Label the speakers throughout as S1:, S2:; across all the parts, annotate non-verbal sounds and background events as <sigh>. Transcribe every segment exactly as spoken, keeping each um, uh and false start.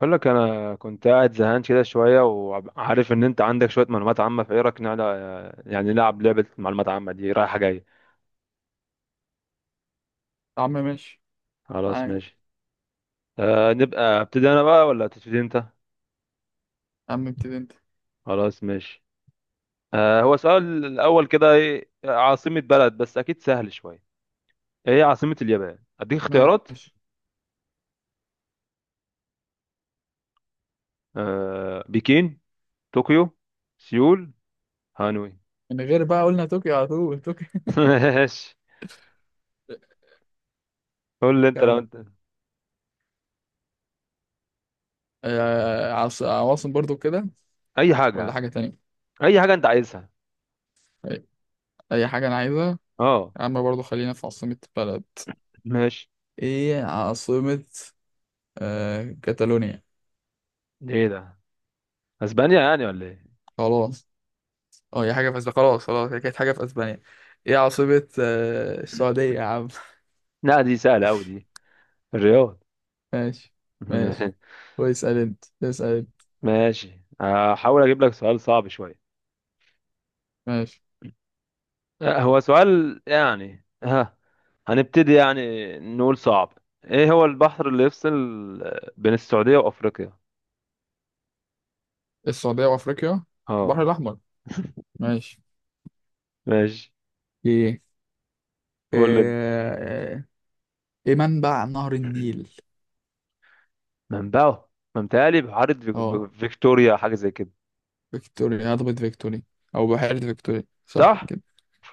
S1: بقول لك انا كنت قاعد زهقان كده شويه، وعارف ان انت عندك شويه معلومات عامه، فايه رايك نلعب؟ يعني نلعب لعبه معلومات عامه دي رايحه جايه.
S2: يا عم ماشي.
S1: خلاص
S2: معاك.
S1: ماشي. آه نبقى ابتدي انا بقى ولا تبتدي انت؟
S2: يا عم ابتدي انت.
S1: خلاص ماشي. آه هو سؤال الاول كده ايه؟ عاصمه بلد، بس اكيد سهل شويه. ايه عاصمه اليابان؟ اديك اختيارات.
S2: ماشي.
S1: آه بكين، طوكيو، سيول، هانوي.
S2: من غير بقى، قلنا طوكيو، على طول طوكيو.
S1: <laughs> ماشي.
S2: <laughs>
S1: قول لي انت لو
S2: كم؟
S1: انت.
S2: آه، عاص- عواصم برضو كده؟
S1: اي
S2: ولا
S1: حاجه.
S2: حاجة تانية.
S1: اي حاجه انت عايزها.
S2: أي أي حاجة أنا عايزها.
S1: اه
S2: يا عم برضو خلينا في عاصمة بلد.
S1: ماشي.
S2: إيه عاصمة آه كاتالونيا؟
S1: ايه ده؟ اسبانيا يعني ولا ايه؟
S2: خلاص. أه، هي حاجة في أسبانيا، خلاص خلاص، هي كانت حاجة في أسبانيا. إيه عاصمة آه السعودية يا عم؟
S1: لا دي سهله قوي دي. الرياض.
S2: <laughs> ماشي. ماشي.
S1: <laughs>
S2: واسأل أنت اسأل أنت.
S1: ماشي. هحاول اجيب لك سؤال صعب شويه.
S2: ماشي.
S1: آه، هو سؤال، يعني ها، هنبتدي يعني، نقول صعب. ايه هو البحر اللي يفصل، آه، بين السعودية وافريقيا؟
S2: السعودية وأفريقيا. البحر
S1: اه
S2: الأحمر. ماشي.
S1: ماشي.
S2: ايه.
S1: قول لي انت.
S2: آه، ايه منبع نهر النيل؟
S1: منبعه؟ ما متهيألي بحيرة فيك-
S2: اه
S1: ب- فيكتوريا، حاجة زي كده.
S2: فيكتوريا، هضبة فيكتوريا او بحيرة فيكتوريا، صح
S1: صح.
S2: كده؟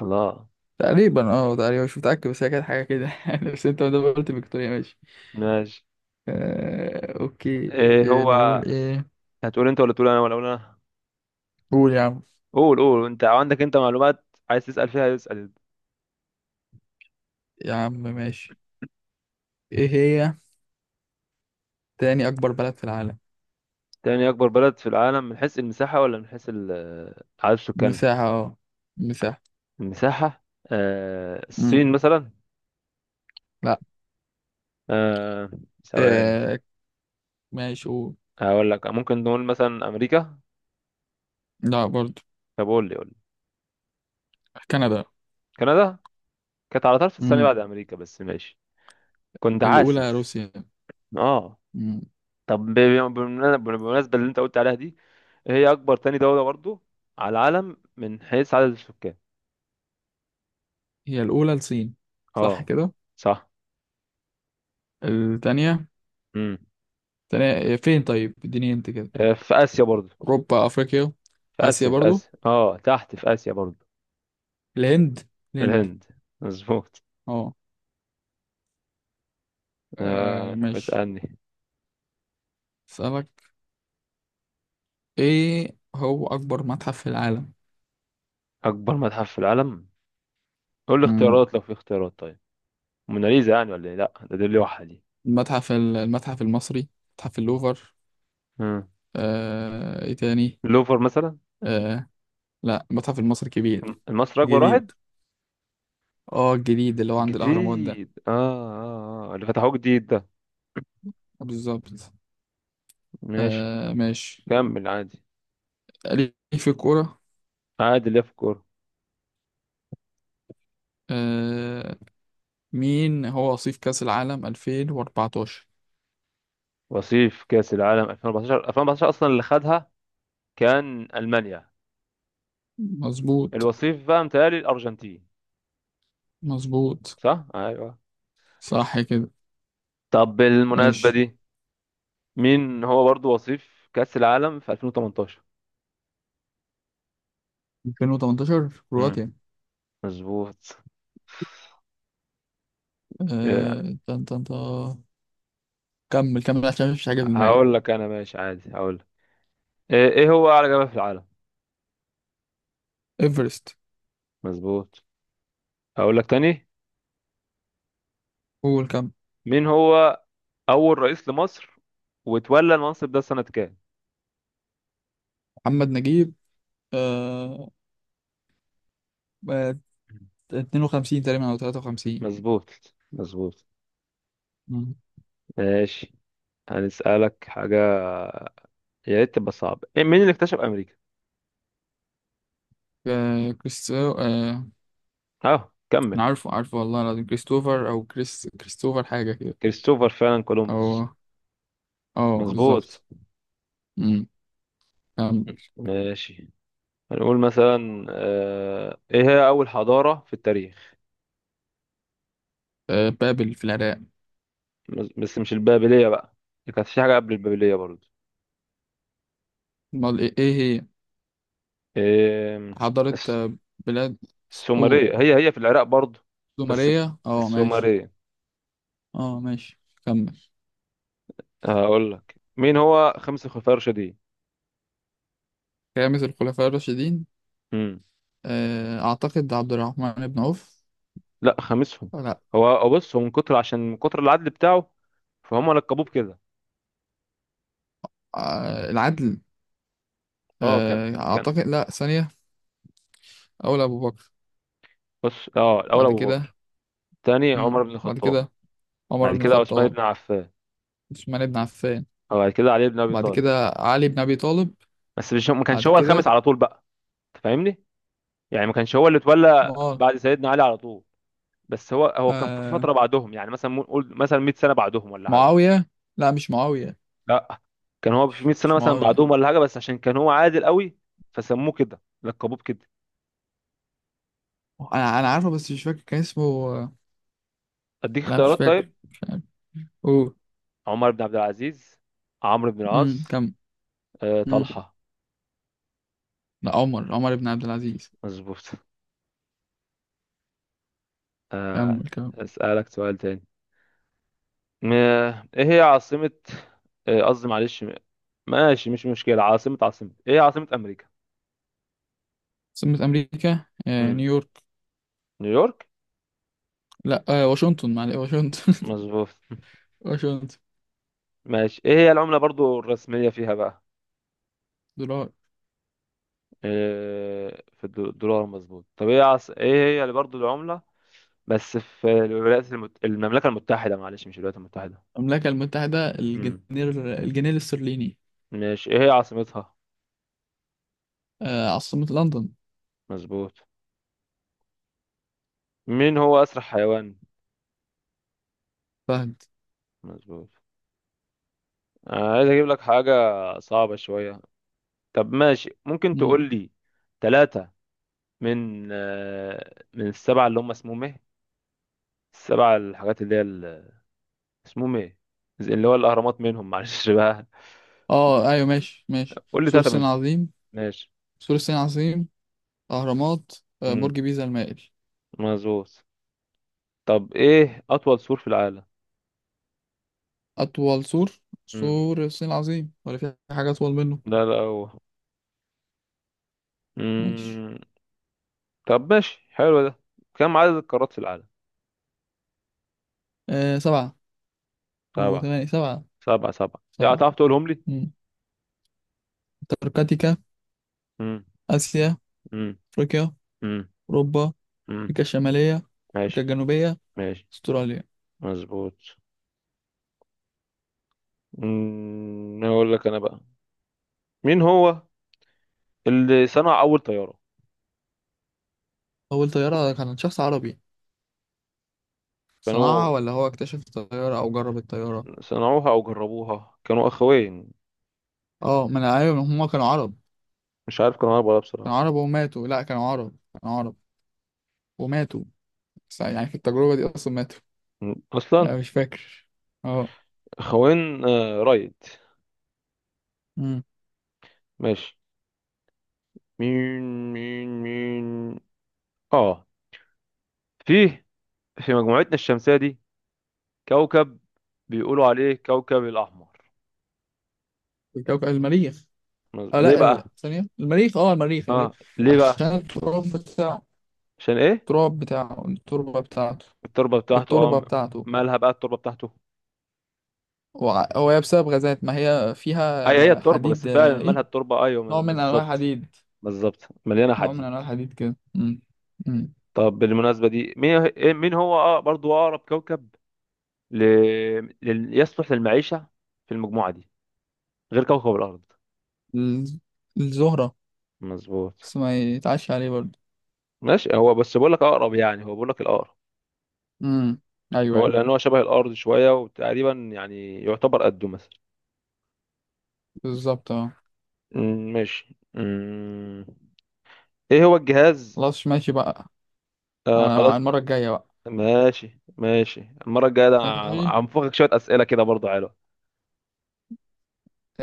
S1: الله.
S2: تقريبا، اه تقريبا مش متأكد، بس هي كانت حاجة كده <laughs> يعني. بس انت ما دام قلت فيكتوريا، ماشي.
S1: ماشي.
S2: آه، اوكي،
S1: ايه
S2: إيه
S1: هو؟
S2: نقول ايه؟
S1: هتقول انت ولا تقول انا ولا اقول انا؟
S2: قول يا عم.
S1: قول، قول انت، عندك انت معلومات، عايز تسأل فيها اسأل.
S2: يا عم ماشي. ايه هي تاني اكبر بلد في العالم؟
S1: تاني اكبر بلد في العالم. من حيث المساحة ولا من حيث ال- آه، عدد السكان؟
S2: مساحة. اه مساحة.
S1: المساحة. آه
S2: مم.
S1: الصين مثلا.
S2: لا.
S1: آه ثواني.
S2: آه، ماشي، قول.
S1: هقول لك، ممكن نقول مثلا امريكا.
S2: لا برضو.
S1: طب قول لي قول لي.
S2: كندا.
S1: كندا كانت على طرف الثانية
S2: مم.
S1: بعد امريكا، بس ماشي. كنت
S2: الأولى
S1: حاسس.
S2: روسيا.
S1: اه.
S2: مم.
S1: طب ب- ب- بالمنا- بالمناسبة اللي انت قلت عليها دي، هي اكبر تاني دولة برضو على العالم من حيث عدد السكان.
S2: هي الأولى الصين، صح
S1: اه
S2: كده؟
S1: صح.
S2: التانية
S1: امم.
S2: التانية إيه، فين؟ طيب اديني انت كده.
S1: في اسيا برضو.
S2: أوروبا؟ أفريقيا؟
S1: في
S2: آسيا
S1: آسيا، في
S2: برضو.
S1: آسيا، اه تحت في آسيا برضو.
S2: الهند. الهند.
S1: الهند. مظبوط.
S2: اه. آه،
S1: آه
S2: ماشي.
S1: اسألني.
S2: أسألك. ايه هو أكبر متحف في العالم؟
S1: أكبر متحف في العالم؟ قول لي
S2: مم.
S1: اختيارات لو في اختيارات طيب. موناليزا يعني ولا ايه؟ لا ده، دي لوحة دي.
S2: المتحف ال- المتحف المصري؟ متحف اللوفر؟
S1: مم.
S2: آه، ايه تاني؟
S1: اللوفر مثلا.
S2: آه، لا، المتحف المصري كبير،
S1: مصر أكبر واحد.
S2: جديد. اه، الجديد اللي هو عند الأهرامات ده.
S1: جديد، اه اه اه، اللي فتحوه جديد ده.
S2: بالظبط.
S1: ماشي.
S2: آه ماشي.
S1: كمل عادي.
S2: ليه في الكورة.
S1: عادي اللي في الكورة.
S2: آه. مين هو وصيف كأس العالم ألفين وأربعتاشر؟
S1: وصيف كأس العالم ألفين واربعتاشر؟ ألفين واربعتاشر أصلا اللي خدها كان ألمانيا.
S2: مظبوط
S1: الوصيف بقى متهيألي الأرجنتين.
S2: مظبوط،
S1: صح؟ أيوه.
S2: صح كده.
S1: طب بالمناسبة
S2: ماشي.
S1: دي، مين هو برضو وصيف كأس العالم في ألفين وتمنتاشر؟
S2: ألفين وتمنتاشر
S1: مم.
S2: كرواتيا.
S1: مظبوط. إيه،
S2: آه... تن تن تن. كمل كمل عشان مفيش حاجة في دماغي.
S1: هقول لك انا ماشي عادي هقول لك. ايه إيه هو اعلى جبل في العالم؟
S2: ايفرست.
S1: مظبوط. هقول لك تاني.
S2: قول، كمل.
S1: مين هو اول رئيس لمصر، وتولى المنصب ده سنة كام؟
S2: محمد نجيب. آه... آه، اتنين وخمسين تقريبا او تلاتة وخمسين.
S1: مظبوط مظبوط.
S2: مم.
S1: ماشي. هنسألك حاجة، يا ريت تبقى صعبة. إيه، مين اللي اكتشف امريكا؟
S2: آه... كريستو، آه...
S1: اه كمل.
S2: انا عارفه، عارفه والله العظيم، كريستوفر او كريس كريستوفر حاجة كده.
S1: كريستوفر فعلا، كولومبوس.
S2: او، اه
S1: مظبوط.
S2: بالظبط. مم. كمل.
S1: ماشي. هنقول مثلا، آه، ايه هي اول حضارة في التاريخ؟
S2: آه... بابل في العراق.
S1: بس مش البابلية بقى، كانت في حاجة قبل البابلية برضو.
S2: امال ايه إيه هي؟
S1: آم،
S2: حضارة.
S1: الس-
S2: آه، بلاد. قول.
S1: السومرية. هي هي في العراق برضو، بس
S2: زمرية، اه ماشي.
S1: السومرية.
S2: اه ماشي. كمل.
S1: هقول لك، مين هو خمسة خلفاء راشدين؟
S2: خامس الخلفاء الراشدين.
S1: مم.
S2: آه، أعتقد عبد الرحمن بن عوف.
S1: لا خامسهم.
S2: لا.
S1: هو هو بص، هو من كتر عشان من كتر العدل بتاعه فهم لقبوه بكده.
S2: آه، العدل.
S1: اه كان،
S2: آه،
S1: كان،
S2: أعتقد لا، ثانية. أول أبو بكر.
S1: بص. اه الاول
S2: بعد
S1: ابو
S2: كده.
S1: بكر، الثاني
S2: مم.
S1: عمر بن
S2: بعد
S1: الخطاب،
S2: كده عمر
S1: بعد
S2: بن
S1: كده عثمان
S2: الخطاب.
S1: بن عفان،
S2: عثمان بن عفان.
S1: وبعد كده علي بن ابي
S2: بعد
S1: طالب.
S2: كده علي بن أبي طالب.
S1: بس مش، ما كانش
S2: بعد
S1: هو الخامس
S2: كده.
S1: على طول بقى، انت فاهمني؟ يعني ما كانش هو اللي اتولى
S2: مع...
S1: بعد سيدنا علي على طول. بس هو هو كان في
S2: آه،
S1: فتره بعدهم، يعني مثلا مو- قول مثلا مية سنه بعدهم ولا حاجه.
S2: معاوية. لا، مش معاوية.
S1: لا، كان هو في
S2: مش
S1: مية سنه
S2: مش
S1: مثلا
S2: معاوية.
S1: بعدهم ولا حاجه، بس عشان كان هو عادل قوي فسموه كده، لقبوه كده.
S2: أنا أنا عارفه بس مش فاكر كان اسمه، آه،
S1: اديك
S2: لا مش
S1: اختيارات
S2: فاكر،
S1: طيب.
S2: مش عارف. أوه.
S1: عمر بن عبد العزيز، عمرو بن
S2: مم.
S1: العاص،
S2: كمل.
S1: آه، طلحه.
S2: لا، عمر عمر بن عبد العزيز.
S1: مظبوط. آه،
S2: كمل كمل.
S1: اسالك سؤال تاني. م- ايه هي عاصمه، آه، قصدي معلش، ماشي مش مشكله، عاصمه، عاصمه. ايه هي عاصمه امريكا؟
S2: سمت أمريكا، آه،
S1: مم.
S2: نيويورك.
S1: نيويورك.
S2: لا، آه، واشنطن، معلش واشنطن.
S1: مظبوط.
S2: <laughs> واشنطن.
S1: ماشي. ايه هي العملة برضو الرسمية فيها بقى؟
S2: دولار.
S1: إيه، في الدو- الدولار. مظبوط. طب ايه عص... ايه هي اللي برضو العملة، بس في الولايات المت... المملكة المتحدة، معلش مش الولايات المتحدة.
S2: المملكة المتحدة، الجنيه.
S1: امم.
S2: الجنيه الاسترليني.
S1: ماشي. ايه هي عاصمتها؟
S2: آه، عاصمة لندن.
S1: مظبوط. مين هو أسرع حيوان؟
S2: فهد.
S1: مظبوط. أنا عايز اجيب لك حاجة صعبة شوية. طب ماشي، ممكن
S2: مم.
S1: تقول لي ثلاثة من آه، من السبعة اللي هم اسمهم ايه؟ السبعة الحاجات اللي هي اسمهم ايه؟ زي اللي هو الاهرامات منهم، معلش بقى.
S2: اه ايوه ماشي، ماشي.
S1: قول لي
S2: سور
S1: ثلاثه
S2: الصين
S1: منهم.
S2: العظيم.
S1: ماشي.
S2: سور الصين العظيم. أهرامات. آه،
S1: امم.
S2: برج بيزا المائل.
S1: مظبوط. طب ايه اطول سور في العالم؟
S2: أطول سور.
S1: امم.
S2: سور الصين العظيم، ولا في حاجة أطول منه؟
S1: لا لا هو.
S2: ماشي.
S1: امم. طب ماشي حلو ده. كم عدد القارات في العالم؟
S2: آه، سبعة. أو
S1: سبعة؟
S2: ثمانية. سبعة.
S1: سبعة سبعة، يعني
S2: سبعة.
S1: هتعرف تقولهم لي؟
S2: مم. أنتاركتيكا.
S1: امم.
S2: آسيا.
S1: امم.
S2: أفريقيا.
S1: امم.
S2: أوروبا.
S1: امم.
S2: أمريكا الشمالية، أمريكا
S1: ماشي.
S2: الجنوبية.
S1: ماشي.
S2: أستراليا.
S1: مظبوط. امم. اقول لك انا بقى. مين هو اللي صنع اول طيارة؟
S2: أول طيارة كانت شخص عربي؟ صنعها،
S1: كانوا
S2: ولا هو اكتشف الطيارة أو جرب الطيارة؟
S1: صنعوها او جربوها، كانوا اخوين.
S2: اه، ما أنا أيوة هما كانوا عرب.
S1: مش عارف كانوا اربعة ولا،
S2: كانوا
S1: بصراحة
S2: عرب وماتوا. لأ، كانوا عرب. كانوا عرب وماتوا. بس يعني في التجربة دي أصلا ماتوا.
S1: اصلا.
S2: أنا مش فاكر. اه.
S1: خوين، آه رايد.
S2: امم.
S1: ماشي. مين مين مين؟ اه فيه، في مجموعتنا الشمسية دي كوكب بيقولوا عليه كوكب الاحمر.
S2: الكوكب المريخ. اه
S1: ليه
S2: لأ،
S1: بقى؟
S2: ال- ثانية، المريخ، اه المريخ، المريخ.
S1: اه ليه
S2: عشان
S1: بقى؟
S2: التراب بتاعه.
S1: عشان ايه؟
S2: التراب بتاعه، التربة بتاعته.
S1: التربة بتاعته؟
S2: التربة
S1: اه
S2: بتاعته.
S1: مالها بقى التربة بتاعته؟
S2: وع- هو هي بسبب غازات، ما هي
S1: اي هي
S2: فيها
S1: التربة، بس
S2: حديد،
S1: فعلا
S2: آه، ايه؟
S1: مالها التربة؟ ايوه
S2: نوع من انواع
S1: بالظبط.
S2: الحديد.
S1: بالظبط، مليانة
S2: نوع من
S1: حديد.
S2: انواع الحديد كده. امم. امم.
S1: طب بالمناسبة دي، مين إيه- مين هو اه برضو اقرب كوكب ل... لل... يصلح للمعيشة في المجموعة دي غير كوكب الارض؟
S2: الز- الزهرة.
S1: مظبوط.
S2: بس ما يتعش عليه برضه.
S1: ماشي، هو بس بقول لك اقرب، يعني هو بقول لك الاقرب.
S2: امم. ايوه،
S1: هو
S2: ايوه.
S1: لان هو شبه الارض شويه، وتقريبا يعني يعتبر قده مثلا.
S2: بالظبط. اه.
S1: أمم، ماشي. أمم، ايه هو الجهاز؟
S2: خلاص ماشي بقى.
S1: آه
S2: على على
S1: خلاص.
S2: المرة الجاية بقى.
S1: ماشي ماشي. المره الجايه ده
S2: ماشي.
S1: هنفخك شويه اسئله كده برضه، حلو.